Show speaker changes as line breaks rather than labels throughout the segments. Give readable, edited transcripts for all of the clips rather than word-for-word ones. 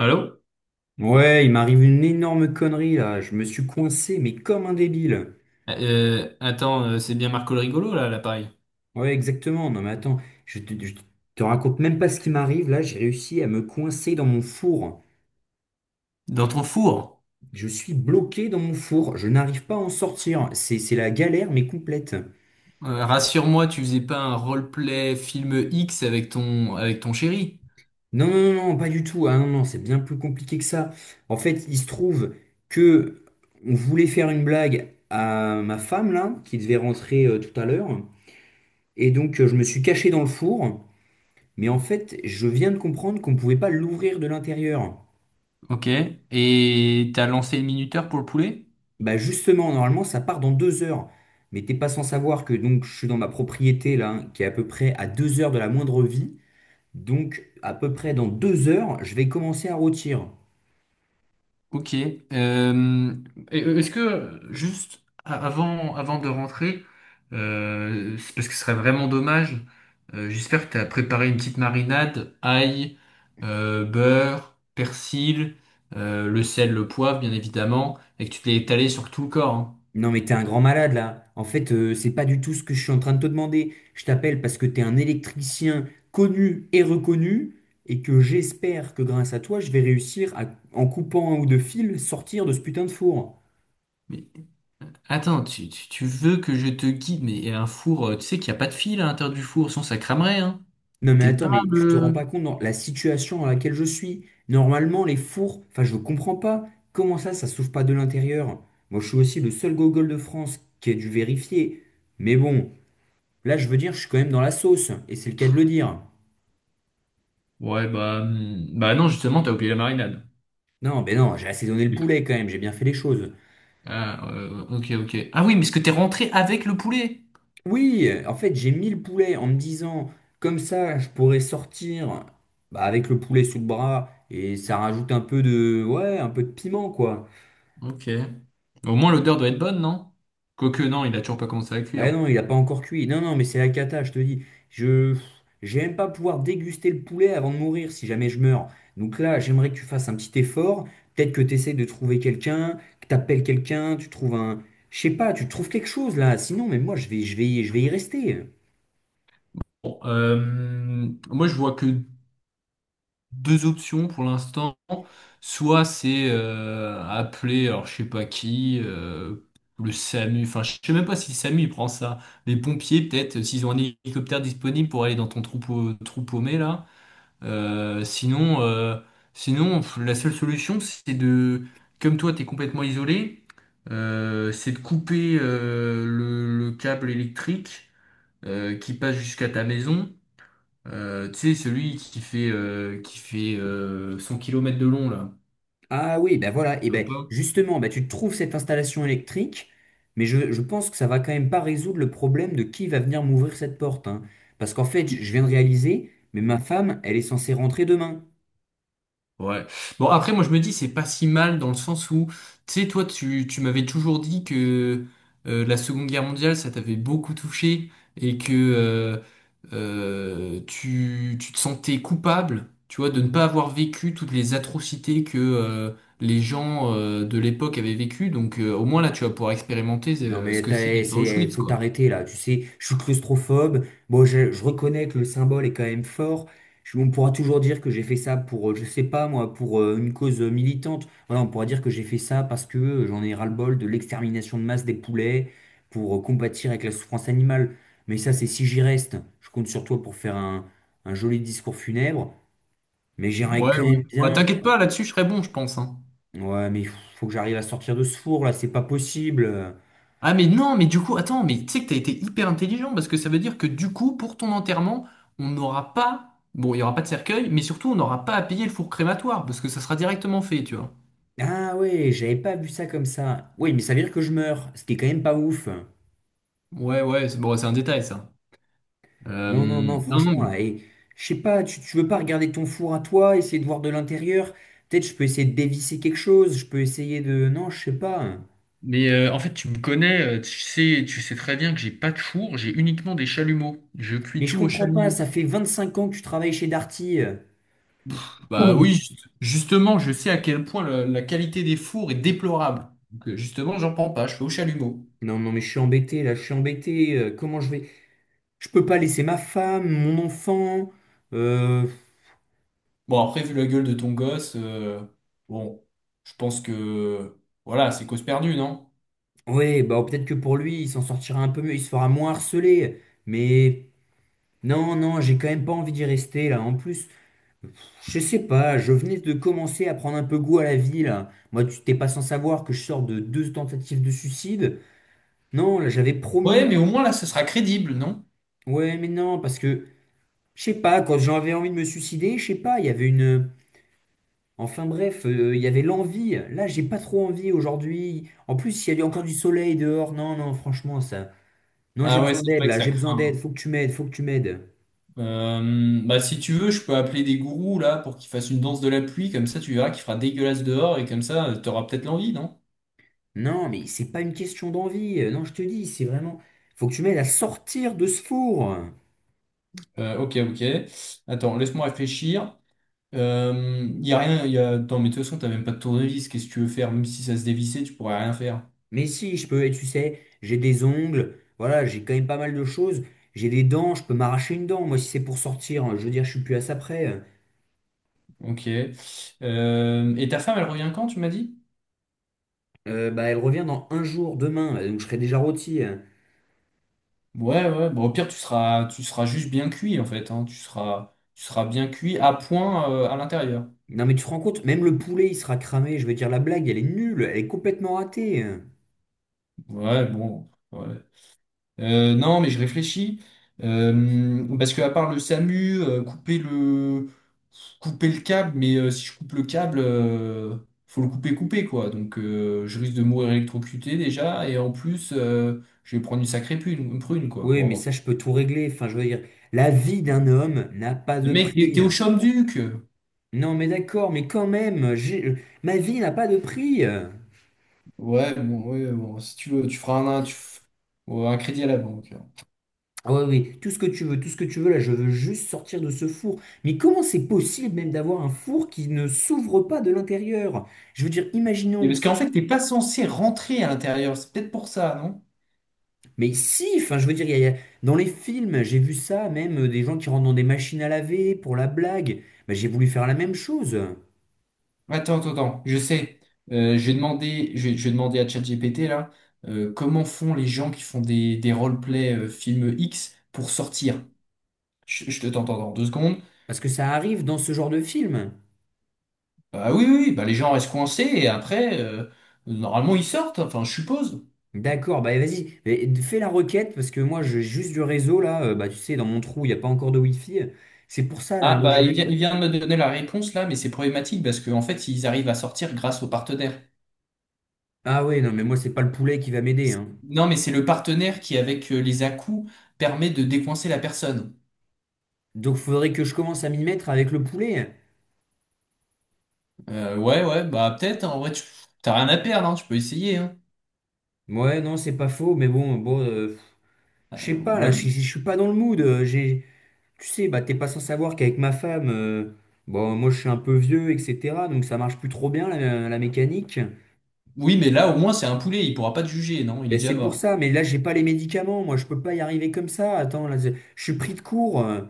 Allô?
Ouais, il m'arrive une énorme connerie là. Je me suis coincé, mais comme un débile.
C'est bien Marco le rigolo là, à l'appareil.
Ouais, exactement. Non, mais attends, je te raconte même pas ce qui m'arrive. Là, j'ai réussi à me coincer dans mon four.
Dans ton four.
Je suis bloqué dans mon four. Je n'arrive pas à en sortir. C'est la galère, mais complète.
Rassure-moi, tu faisais pas un roleplay film X avec ton chéri.
Non, non, non, non, pas du tout. Ah non, non, c'est bien plus compliqué que ça. En fait, il se trouve que on voulait faire une blague à ma femme là, qui devait rentrer tout à l'heure. Et donc, je me suis caché dans le four. Mais en fait, je viens de comprendre qu'on ne pouvait pas l'ouvrir de l'intérieur.
Ok. Et t'as lancé le minuteur pour le poulet?
Bah justement, normalement, ça part dans 2 heures. Mais t'es pas sans savoir que donc je suis dans ma propriété là, hein, qui est à peu près à 2 heures de la moindre vie. Donc à peu près dans 2 heures, je vais commencer à rôtir.
Ok. Euh, Est-ce que juste avant, avant de rentrer, c'est parce que ce serait vraiment dommage, j'espère que tu as préparé une petite marinade, ail, beurre, persil, le sel, le poivre, bien évidemment, et que tu te l'es étalé sur tout le corps, hein.
Non mais t'es un grand malade là. En fait, c'est pas du tout ce que je suis en train de te demander. Je t'appelle parce que t'es un électricien connu et reconnu et que j'espère que grâce à toi, je vais réussir à, en coupant un ou deux fils, sortir de ce putain de four.
Mais attends, tu veux que je te guide, mais un four, tu sais qu'il n'y a pas de fil à l'intérieur du four, sinon ça cramerait, hein.
Non mais
T'es
attends,
pas
mais tu te rends pas
le...
compte dans la situation dans laquelle je suis. Normalement, les fours, enfin je comprends pas. Comment ça, ça s'ouvre pas de l'intérieur? Moi, je suis aussi le seul gogol de France qui a dû vérifier. Mais bon, là, je veux dire, je suis quand même dans la sauce, et c'est le cas de le dire.
Ouais, bah, bah non, justement, t'as oublié la marinade.
Non, mais non, j'ai assaisonné le poulet quand même, j'ai bien fait les choses.
Ok. Ah oui, mais est-ce que t'es rentré avec le poulet?
Oui, en fait, j'ai mis le poulet en me disant, comme ça, je pourrais sortir bah, avec le poulet sous le bras, et ça rajoute un peu de, ouais, un peu de piment, quoi.
Ok. Au moins l'odeur doit être bonne, non? Quoique non, il a toujours pas commencé à
Bah
cuire.
non, il n'a pas encore cuit. Non, non, mais c'est la cata, je te dis. Je J'aime pas pouvoir déguster le poulet avant de mourir si jamais je meurs. Donc là, j'aimerais que tu fasses un petit effort. Peut-être que tu essaies de trouver quelqu'un, que tu appelles quelqu'un, tu trouves un... Je sais pas, tu trouves quelque chose là. Sinon, mais moi, je vais y rester.
Moi je vois que deux options pour l'instant. Soit c'est appeler, alors je sais pas qui, le SAMU. Enfin, je sais même pas si le SAMU il prend ça. Les pompiers, peut-être, s'ils ont un hélicoptère disponible pour aller dans ton trou paumé là. Euh, sinon, euh, Sinon, pff, la seule solution, c'est de, comme toi, t'es complètement isolé, c'est de couper le câble électrique qui passe jusqu'à ta maison. Tu sais, celui qui fait, 100 kilomètres de long, là.
Ah oui, ben voilà. Et
Je veux
ben
pas.
justement, ben tu trouves cette installation électrique, mais je pense que ça va quand même pas résoudre le problème de qui va venir m'ouvrir cette porte, hein. Parce qu'en fait, je viens de réaliser, mais ma femme, elle est censée rentrer demain.
Ouais. Bon, après, moi, je me dis, c'est pas si mal dans le sens où, tu sais, toi, tu m'avais toujours dit que la Seconde Guerre mondiale, ça t'avait beaucoup touché et que tu te sentais coupable, tu vois, de ne pas avoir vécu toutes les atrocités que les gens de l'époque avaient vécues. Donc, au moins, là, tu vas pouvoir expérimenter
Non
euh, ce
mais
que c'est d'être à
c'est,
Auschwitz,
faut
quoi.
t'arrêter là, tu sais, je suis claustrophobe, bon je reconnais que le symbole est quand même fort. On pourra toujours dire que j'ai fait ça pour, je sais pas moi, pour une cause militante, voilà, on pourra dire que j'ai fait ça parce que j'en ai ras-le-bol de l'extermination de masse des poulets, pour combattre avec la souffrance animale, mais ça c'est si j'y reste, je compte sur toi pour faire un joli discours funèbre, mais j'aimerais
Ouais,
quand
ouais.
même
Bah,
bien,
t'inquiète pas, là-dessus, je serais bon, je pense, hein.
ouais mais faut que j'arrive à sortir de ce four là, c'est pas possible.
Ah mais non, mais du coup, attends, mais tu sais que t'as été hyper intelligent parce que ça veut dire que du coup, pour ton enterrement, on n'aura pas, bon, il y aura pas de cercueil, mais surtout, on n'aura pas à payer le four crématoire parce que ça sera directement fait, tu vois.
Ah ouais, j'avais pas vu ça comme ça. Oui, mais ça veut dire que je meurs, ce qui est quand même pas ouf.
Ouais, ouais, c'est bon, c'est un détail ça. Euh,
Non, non, non,
non, non,
franchement, là, et, je sais pas, tu veux pas regarder ton four à toi, essayer de voir de l'intérieur? Peut-être je peux essayer de dévisser quelque chose, je peux essayer de... Non, je sais pas.
Mais en fait, tu me connais, tu sais très bien que j'ai pas de four, j'ai uniquement des chalumeaux. Je cuis
Mais je
tout au
comprends pas,
chalumeau.
ça fait 25 ans que tu travailles chez Darty.
Bah oui,
Oui.
justement, je sais à quel point la qualité des fours est déplorable. Donc justement, j'en prends pas, je fais au chalumeau.
Non, non, mais je suis embêté, là, je suis embêté, comment je vais... Je peux pas laisser ma femme, mon enfant. Euh...
Bon, après, vu la gueule de ton gosse, bon, je pense que voilà, c'est cause perdue, non?
Ouais, bah peut-être que pour lui, il s'en sortira un peu mieux, il se fera moins harceler. Mais... Non, non, j'ai quand même pas envie d'y rester là. En plus, je sais pas, je venais de commencer à prendre un peu goût à la vie là. Moi, tu t'es pas sans savoir que je sors de deux tentatives de suicide. Non, là, j'avais
Ouais, mais
promis.
au moins là, ce sera crédible, non?
Ouais, mais non, parce que, je sais pas, quand j'avais envie de me suicider, je sais pas, il y avait une. Enfin bref, il y avait l'envie. Là, j'ai pas trop envie aujourd'hui. En plus, il y a encore du soleil dehors. Non, non, franchement, ça. Non, j'ai
Ah ouais,
besoin
c'est
d'aide
vrai que
là,
ça
j'ai besoin d'aide.
craint,
Faut que tu m'aides, faut que tu m'aides.
hein. Bah, si tu veux, je peux appeler des gourous là pour qu'ils fassent une danse de la pluie, comme ça tu verras qu'il fera dégueulasse dehors et comme ça, t'auras peut-être l'envie, non?
Non, mais c'est pas une question d'envie. Non, je te dis, c'est vraiment. Faut que tu m'aides à sortir de ce four.
Ok. Attends, laisse-moi réfléchir. Y a rien, y a... Attends, mais de toute façon, t'as même pas de tournevis, qu'est-ce que tu veux faire? Même si ça se dévissait, tu pourrais rien faire.
Mais si, je peux, tu sais, j'ai des ongles, voilà, j'ai quand même pas mal de choses. J'ai des dents, je peux m'arracher une dent, moi, si c'est pour sortir, hein. Je veux dire, je suis plus à ça près.
Ok. Et ta femme, elle revient quand, tu m'as dit?
Bah, elle revient dans un jour, demain, donc je serai déjà rôti, hein.
Ouais, ouais, bon, au pire, tu seras juste bien cuit, en fait, hein. Tu seras bien cuit à point, à l'intérieur.
Non, mais tu te rends compte, même le poulet, il sera cramé. Je veux dire, la blague, elle est nulle, elle est complètement ratée, hein.
Ouais, bon, ouais. Non, mais je réfléchis. Parce que à part le SAMU, couper le câble, mais si je coupe le câble, faut le couper, couper, quoi. Donc, je risque de mourir électrocuté, déjà, et en plus, je vais prendre une sacrée prune, quoi,
Oui,
pour
mais
avoir...
ça,
fait.
je peux tout régler. Enfin, je veux dire, la vie d'un homme n'a pas
Mais
de
mec,
prix.
t'es au Champ-Duc!
Non, mais d'accord, mais quand même, ma vie n'a pas de prix, euh.
Ouais, bon, si tu veux, tu feras un, tu f- ou un crédit à la banque.
Ah ouais, oui, tout ce que tu veux, tout ce que tu veux, là, je veux juste sortir de ce four. Mais comment c'est possible même d'avoir un four qui ne s'ouvre pas de l'intérieur? Je veux dire,
Et
imaginons,
parce qu'en fait, t'es pas censé rentrer à l'intérieur. C'est peut-être pour ça, non?
mais si, enfin, je veux dire, dans les films, j'ai vu ça, même des gens qui rentrent dans des machines à laver pour la blague. Bah, j'ai voulu faire la même chose,
Attends, attends, attends. Je sais. Je vais demander à ChatGPT là, comment font les gens qui font des roleplay film X pour sortir? Je te t'entends dans deux secondes.
parce que ça arrive dans ce genre de film.
Ah oui, oui, oui, bah les gens restent coincés et après, normalement, ils sortent. Enfin, je suppose.
D'accord, bah vas-y, mais fais la requête parce que moi j'ai juste du réseau là, bah tu sais, dans mon trou, il n'y a pas encore de Wi-Fi. C'est pour ça là,
Ah
moi,
bah
j'ai même pas-
il vient de me donner la réponse là, mais c'est problématique parce qu'en fait, ils arrivent à sortir grâce aux partenaires.
Ah ouais, non, mais moi c'est pas le poulet qui va m'aider, hein.
Non, mais c'est le partenaire qui, avec les à-coups, permet de décoincer la personne.
Donc faudrait que je commence à m'y mettre avec le poulet.
Ouais, ouais, bah peut-être, hein, en vrai, t'as rien à perdre, hein, tu peux essayer, hein.
Ouais, non, c'est pas faux, mais bon, bon, pff, je sais pas là,
Ouais.
je suis pas dans le mood, j'ai, tu sais, bah t'es pas sans savoir qu'avec ma femme, bon, moi je suis un peu vieux, etc. Donc ça marche plus trop bien la mécanique.
Oui, mais là, au moins, c'est un poulet, il pourra pas te juger, non, il est
Ben
déjà
c'est pour
mort.
ça, mais là j'ai pas les médicaments, moi je peux pas y arriver comme ça. Attends, là, je suis pris de court, euh.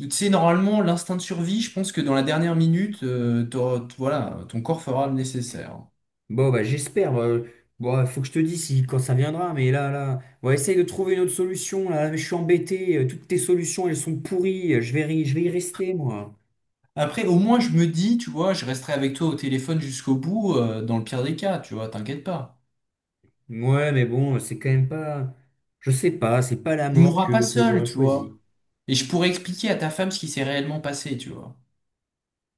Tu sais, normalement, l'instinct de survie, je pense que dans la dernière minute, voilà, ton corps fera le nécessaire.
Bon bah j'espère, bon, faut que je te dise si quand ça viendra, mais là, on essaye de trouver une autre solution. Là, mais je suis embêté, toutes tes solutions elles sont pourries, je vais y rester moi.
Après, au moins, je me dis, tu vois, je resterai avec toi au téléphone jusqu'au bout, dans le pire des cas, tu vois, t'inquiète pas.
Ouais, mais bon, c'est quand même pas. Je sais pas, c'est pas la
Tu
mort
mourras pas
que
seul,
j'aurais
tu vois.
choisi.
Et je pourrais expliquer à ta femme ce qui s'est réellement passé, tu vois.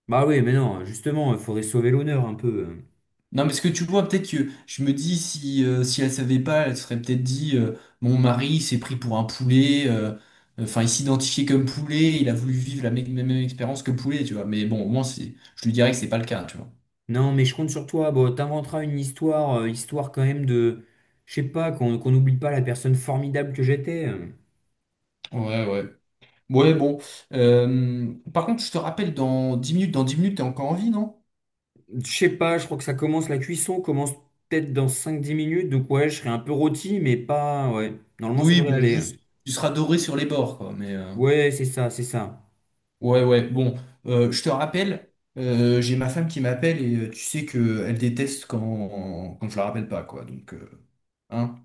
Bah oui, mais non, justement, il faudrait sauver l'honneur un peu, hein.
Non, mais ce que tu vois, peut-être que je me dis, si, si elle savait pas, elle serait peut-être dit, mon mari s'est pris pour un poulet, enfin, il s'identifiait comme poulet, il a voulu vivre la même expérience que le poulet, tu vois. Mais bon, au moins, c'est, je lui dirais que c'est pas le cas, tu vois.
Non, mais je compte sur toi. Bon, t'inventeras une histoire, histoire quand même de, je sais pas, qu'on n'oublie pas la personne formidable que j'étais.
Ouais, ouais. Ouais, bon. Par contre, je te rappelle, dans 10 minutes, dans 10 minutes, t'es encore en vie, non?
Je sais pas, je crois que ça commence, la cuisson commence peut-être dans cinq 10 minutes, donc ouais, je serai un peu rôti, mais pas, ouais. Normalement, ça
Oui,
devrait
bon,
aller.
juste, tu seras doré sur les bords, quoi, mais...
Ouais, c'est ça, c'est ça.
Ouais, ouais, bon, je te rappelle, j'ai ma femme qui m'appelle et tu sais que elle déteste quand je la rappelle pas, quoi. Donc, hein.